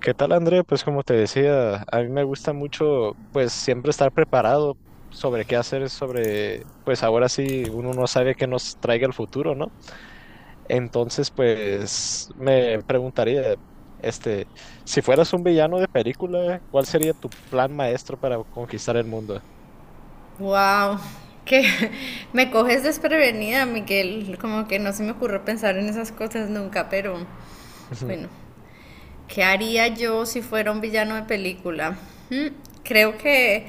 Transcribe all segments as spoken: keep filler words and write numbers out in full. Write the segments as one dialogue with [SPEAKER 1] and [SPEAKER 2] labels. [SPEAKER 1] ¿Qué tal, Andrea? Pues como te decía, a mí me gusta mucho, pues siempre estar preparado sobre qué hacer, sobre, pues ahora sí uno no sabe qué nos traiga el futuro, ¿no? Entonces, pues me preguntaría, este, si fueras un villano de película, ¿cuál sería tu plan maestro para conquistar el mundo?
[SPEAKER 2] Wow, que me coges desprevenida, Miguel. Como que no se me ocurrió pensar en esas cosas nunca, pero bueno.
[SPEAKER 1] Ujú.
[SPEAKER 2] ¿Qué haría yo si fuera un villano de película? Hmm, Creo que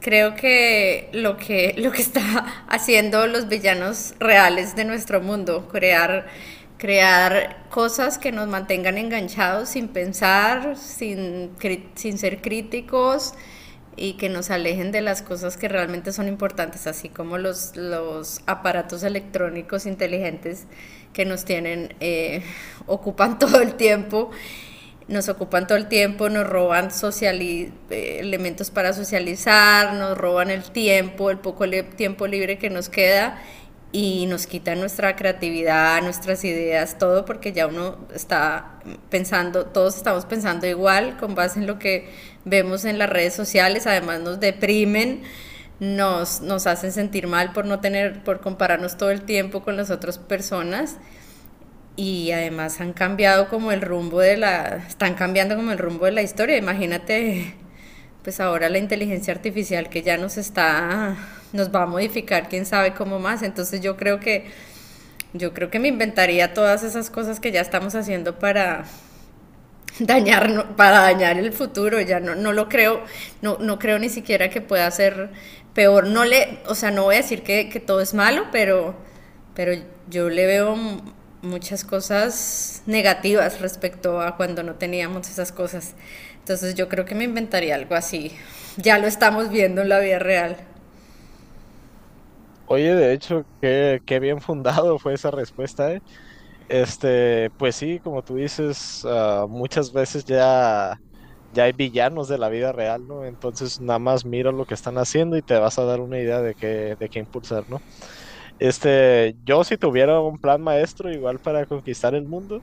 [SPEAKER 2] creo que lo que lo que está haciendo los villanos reales de nuestro mundo, crear crear cosas que nos mantengan enganchados sin pensar, sin cri- sin ser críticos y que nos alejen de las cosas que realmente son importantes, así como los, los aparatos electrónicos inteligentes que nos tienen, eh, ocupan todo el tiempo, nos ocupan todo el tiempo, nos roban elementos para socializar, nos roban el tiempo, el poco li tiempo libre que nos queda y nos quitan nuestra creatividad, nuestras ideas, todo porque ya uno está pensando, todos estamos pensando igual con base en lo que vemos en las redes sociales, además nos deprimen. Nos, nos hacen sentir mal por no tener, por compararnos todo el tiempo con las otras personas y además han cambiado como el rumbo de la, están cambiando como el rumbo de la historia. Imagínate, pues ahora la inteligencia artificial que ya nos está, nos va a modificar, quién sabe cómo más. Entonces yo creo que, yo creo que me inventaría todas esas cosas que ya estamos haciendo para dañar, no, para dañar el futuro, ya no, no lo creo, no, no creo ni siquiera que pueda ser peor. No le, o sea, no voy a decir que, que todo es malo, pero, pero yo le veo muchas cosas negativas respecto a cuando no teníamos esas cosas. Entonces yo creo que me inventaría algo así. Ya lo estamos viendo en la vida real,
[SPEAKER 1] Oye, de hecho, qué, qué bien fundado fue esa respuesta, ¿eh? Este, pues sí, como tú dices, ah, muchas veces ya, ya hay villanos de la vida real, ¿no? Entonces nada más mira lo que están haciendo y te vas a dar una idea de qué, de qué impulsar, ¿no? Este, yo si tuviera un plan maestro igual para conquistar el mundo,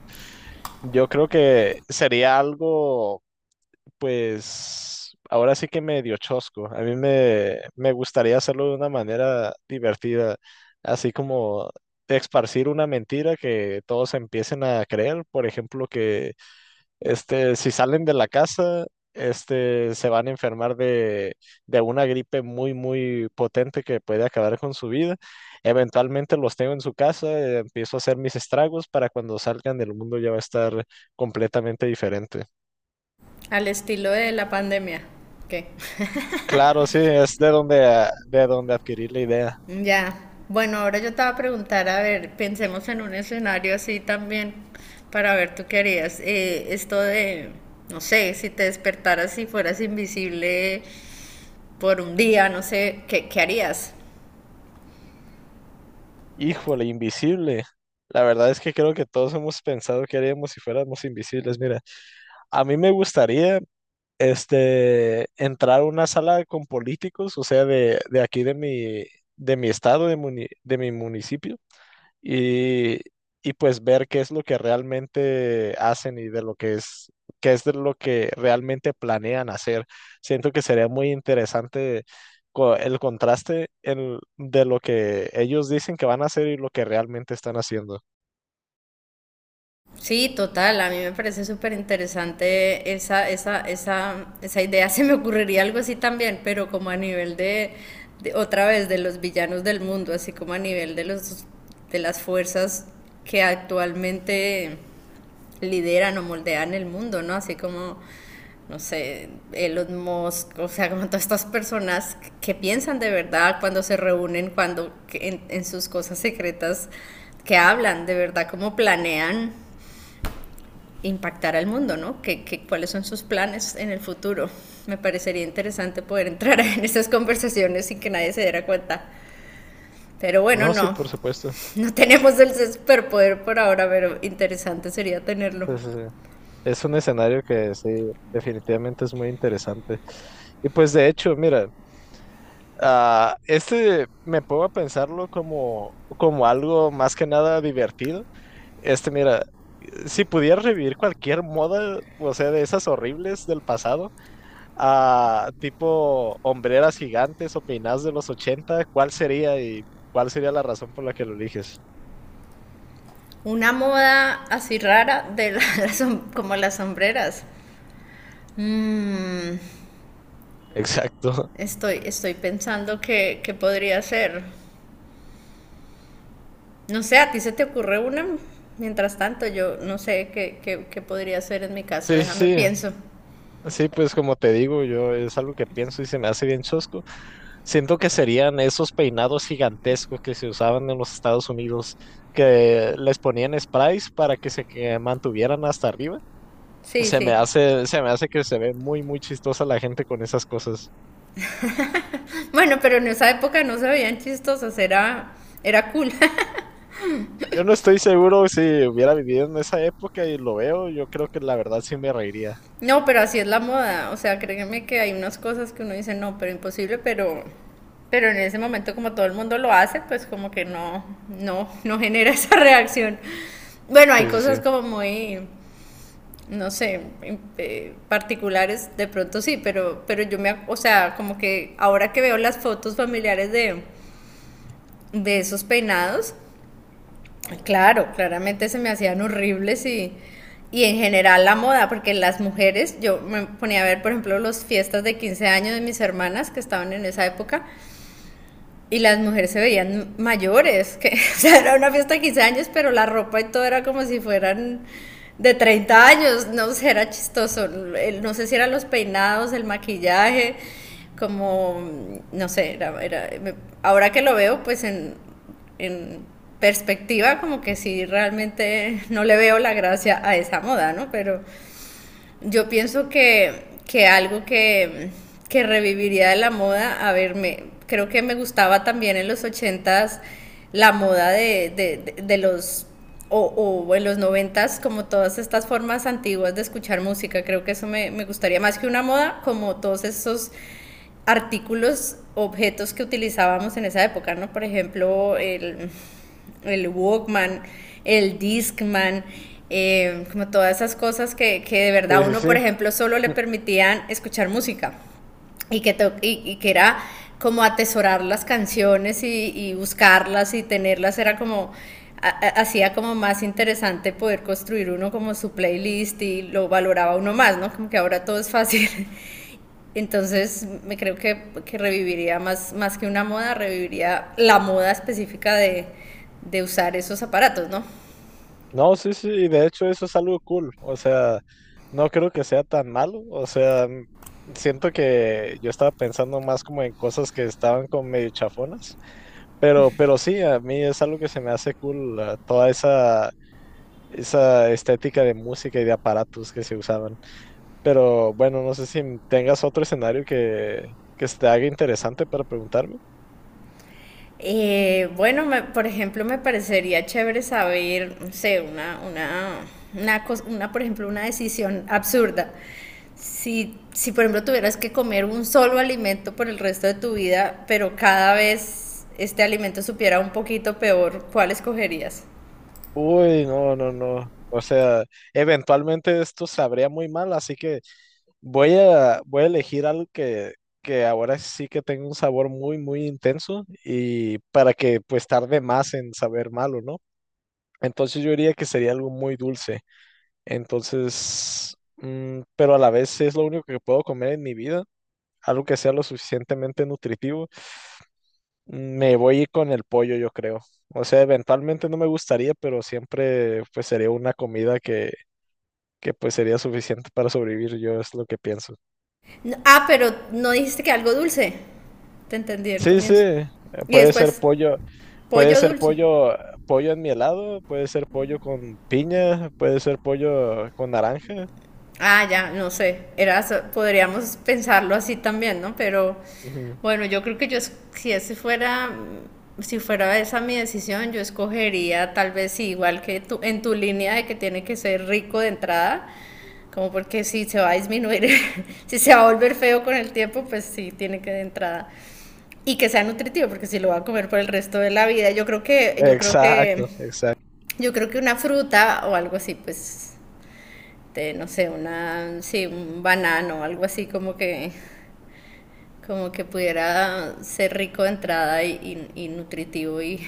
[SPEAKER 1] yo creo que sería algo pues ahora sí que me dio chosco. A mí me, me gustaría hacerlo de una manera divertida, así como de esparcir una mentira que todos empiecen a creer. Por ejemplo, que este, si salen de la casa, este, se van a enfermar de, de una gripe muy, muy potente que puede acabar con su vida. Eventualmente los tengo en su casa, eh, empiezo a hacer mis estragos para cuando salgan del mundo ya va a estar completamente diferente.
[SPEAKER 2] al estilo de la pandemia. ¿Qué?
[SPEAKER 1] Claro, sí, es de donde, a- de donde adquirir la idea.
[SPEAKER 2] Ya. Bueno, ahora yo te voy a preguntar, a ver, pensemos en un escenario así también para ver tú qué harías. Eh, esto de, no sé, si te despertaras y fueras invisible por un día, no sé, ¿qué, qué harías?
[SPEAKER 1] Híjole, invisible. La verdad es que creo que todos hemos pensado que haríamos si fuéramos invisibles. Mira, a mí me gustaría este, entrar a una sala con políticos, o sea, de, de aquí de mi, de mi estado, de, muni- de mi municipio, y, y pues ver qué es lo que realmente hacen y de lo que es, qué es de lo que realmente planean hacer. Siento que sería muy interesante co- el contraste en- de lo que ellos dicen que van a hacer y lo que realmente están haciendo.
[SPEAKER 2] Sí, total, a mí me parece súper interesante esa, esa, esa, esa idea. Se me ocurriría algo así también, pero como a nivel de, de- otra vez, de los villanos del mundo, así como a nivel de los, de las fuerzas que actualmente lideran o moldean el mundo, ¿no? Así como, no sé, Elon Musk, o sea, como todas estas personas que piensan de verdad cuando se reúnen, cuando que en, en sus cosas secretas, que hablan de verdad, cómo planean impactar al mundo, ¿no? ¿Qué, qué, cuáles son sus planes en el futuro? Me parecería interesante poder entrar en estas conversaciones sin que nadie se diera cuenta. Pero bueno,
[SPEAKER 1] No, sí,
[SPEAKER 2] no.
[SPEAKER 1] por supuesto.
[SPEAKER 2] No tenemos el superpoder por ahora, pero interesante sería tenerlo.
[SPEAKER 1] Sí, sí, sí. Es un escenario que sí, definitivamente es muy interesante. Y pues de hecho, mira, ah, este me pongo a pensarlo como, como algo más que nada divertido. Este, mira, si pudieras revivir cualquier moda, o sea, de esas horribles del pasado, a tipo hombreras gigantes o peinadas de los ochenta, ¿cuál sería y cuál sería la razón por la que lo eliges?
[SPEAKER 2] Una moda así rara de la, las, como las sombreras. Mm,
[SPEAKER 1] Exacto.
[SPEAKER 2] estoy, estoy pensando que, que podría ser. No sé, ¿a ti se te ocurre una? Mientras tanto, yo no sé qué, qué, qué podría ser en mi caso.
[SPEAKER 1] Sí,
[SPEAKER 2] Déjame
[SPEAKER 1] sí,
[SPEAKER 2] pienso.
[SPEAKER 1] sí, pues como te digo, yo es algo que pienso y se me hace bien chosco. Siento que serían esos peinados gigantescos que se usaban en los Estados Unidos, que les ponían sprays para que se que mantuvieran hasta arriba.
[SPEAKER 2] Sí,
[SPEAKER 1] Se me
[SPEAKER 2] sí.
[SPEAKER 1] hace, se me hace que se ve muy, muy chistosa la gente con esas cosas.
[SPEAKER 2] Bueno, pero en esa época no se veían chistosas, era, era cool.
[SPEAKER 1] Yo no estoy seguro si hubiera vivido en esa época y lo veo, yo creo que la verdad sí me reiría.
[SPEAKER 2] No, pero así es la moda. O sea, créeme que hay unas cosas que uno dice, no, pero imposible, pero, pero en ese momento como todo el mundo lo hace, pues como que no, no, no genera esa reacción. Bueno, hay
[SPEAKER 1] Sí, sí,
[SPEAKER 2] cosas
[SPEAKER 1] sí.
[SPEAKER 2] como muy, no sé, em- eh, particulares, de pronto sí, pero, pero yo me, ac- o sea, como que ahora que veo las fotos familiares de, de esos peinados, claro, claramente se me hacían horribles y, y en general la moda, porque las mujeres, yo me ponía a ver, por ejemplo, las fiestas de quince años de mis hermanas que estaban en esa época, y las mujeres se veían mayores, que o sea, era una fiesta de quince años, pero la ropa y todo era como si fueran de treinta años, no sé, era chistoso, no sé si eran los peinados, el maquillaje, como, no sé, era, era- ahora que lo veo, pues en, en perspectiva, como que sí, realmente no le veo la gracia a esa moda, ¿no? Pero yo pienso que, que algo que, que reviviría de la moda, a ver, me, creo que me gustaba también en los ochentas la moda de, de, de, de los o, o, en los noventas, como todas estas formas antiguas de escuchar música. Creo que eso me, me, gustaría más que una moda, como todos esos artículos, objetos que utilizábamos en esa época, ¿no? Por ejemplo, el, el Walkman, el Discman, eh, como todas esas cosas que, que, de
[SPEAKER 1] Sí,
[SPEAKER 2] verdad
[SPEAKER 1] sí,
[SPEAKER 2] uno,
[SPEAKER 1] sí.
[SPEAKER 2] por ejemplo, solo le
[SPEAKER 1] Mm,
[SPEAKER 2] permitían escuchar música y que, to y, y que era como atesorar las canciones y, y buscarlas y tenerlas, era como hacía como más interesante poder construir uno como su playlist y lo valoraba uno más, ¿no? Como que ahora todo es fácil. Entonces, me creo que, que reviviría más, más que una moda, reviviría la moda específica de, de usar esos aparatos, ¿no?
[SPEAKER 1] No, sí, sí, y de hecho eso es algo cool. O sea, no creo que sea tan malo. O sea, mm, siento que yo estaba pensando más como en cosas que estaban como medio chafonas. Pero, pero sí, a mí es algo que se me hace cool, eh, toda esa, esa estética de música y de aparatos que se usaban. Pero bueno, no sé si tengas otro escenario que, que se te haga interesante para preguntarme.
[SPEAKER 2] Eh, bueno, me- por ejemplo, me parecería chévere saber, no sé, una, una, una, cos- una, por ejemplo, una decisión absurda. Si, si, por ejemplo, tuvieras que comer un solo alimento por el resto de tu vida, pero cada vez este alimento supiera un poquito peor, ¿cuál escogerías?
[SPEAKER 1] Uy, no, no, no. O sea, eventualmente esto sabría muy mal, así que voy a, voy a elegir algo que, que ahora sí que tenga un sabor muy, muy intenso y para que pues tarde más en saber malo, ¿no? Entonces yo diría que sería algo muy dulce. Entonces, mm, pero a la vez es lo único que puedo comer en mi vida, algo que sea lo suficientemente nutritivo. Me voy con el pollo, yo creo. O sea, eventualmente no me gustaría, pero siempre pues sería una comida que, que pues sería suficiente para sobrevivir, yo es lo que pienso.
[SPEAKER 2] No, ah, pero no dijiste que algo dulce. Te entendí el
[SPEAKER 1] Sí, sí,
[SPEAKER 2] comienzo.
[SPEAKER 1] eh,
[SPEAKER 2] Y
[SPEAKER 1] puede ser
[SPEAKER 2] después,
[SPEAKER 1] pollo, puede
[SPEAKER 2] pollo
[SPEAKER 1] ser
[SPEAKER 2] dulce.
[SPEAKER 1] pollo, pollo en mi helado, puede ser pollo con piña, puede ser pollo con naranja.
[SPEAKER 2] Ah, ya, no sé. Era, so- podríamos pensarlo así también, ¿no? Pero
[SPEAKER 1] Ujú.
[SPEAKER 2] bueno, yo creo que yo, es- si ese fuera, si fuera esa mi decisión, yo escogería tal vez sí, igual que tú, en tu línea de que tiene que ser rico de entrada, como porque si se va a disminuir, si se va a volver feo con el tiempo, pues sí, tiene que de entrada. Y que sea nutritivo, porque si lo va a comer por el resto de la vida, yo creo que, yo creo que,
[SPEAKER 1] Exacto, exacto.
[SPEAKER 2] yo creo que una fruta o algo así, pues, de, no sé, una, sí, un banano o algo así como que, como que pudiera ser rico de entrada y, y- y nutritivo y,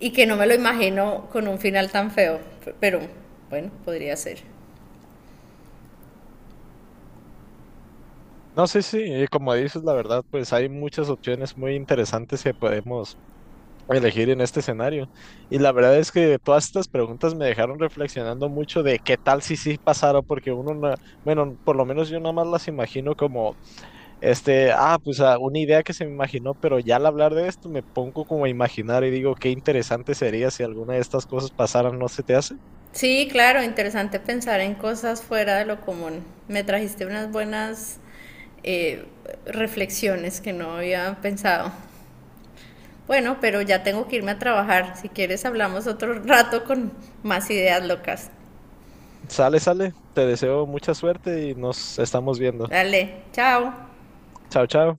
[SPEAKER 2] y que no me lo imagino con un final tan feo, pero bueno, podría ser.
[SPEAKER 1] No, sí, sí, y como dices, la verdad, pues hay muchas opciones muy interesantes que podemos elegir en este escenario. Y la verdad es que todas estas preguntas me dejaron reflexionando mucho de qué tal si sí pasara, porque uno, na- bueno, por lo menos yo nada más las imagino como, este, ah, pues ah, una idea que se me imaginó, pero ya al hablar de esto me pongo como a imaginar y digo, qué interesante sería si alguna de estas cosas pasaran, ¿no se te hace?
[SPEAKER 2] Sí, claro, interesante pensar en cosas fuera de lo común. Me trajiste unas buenas eh, reflexiones que no había pensado. Bueno, pero ya tengo que irme a trabajar. Si quieres, hablamos otro rato con más ideas locas.
[SPEAKER 1] Sale, sale, te deseo mucha suerte y nos estamos viendo.
[SPEAKER 2] Dale, chao.
[SPEAKER 1] Chao, chao.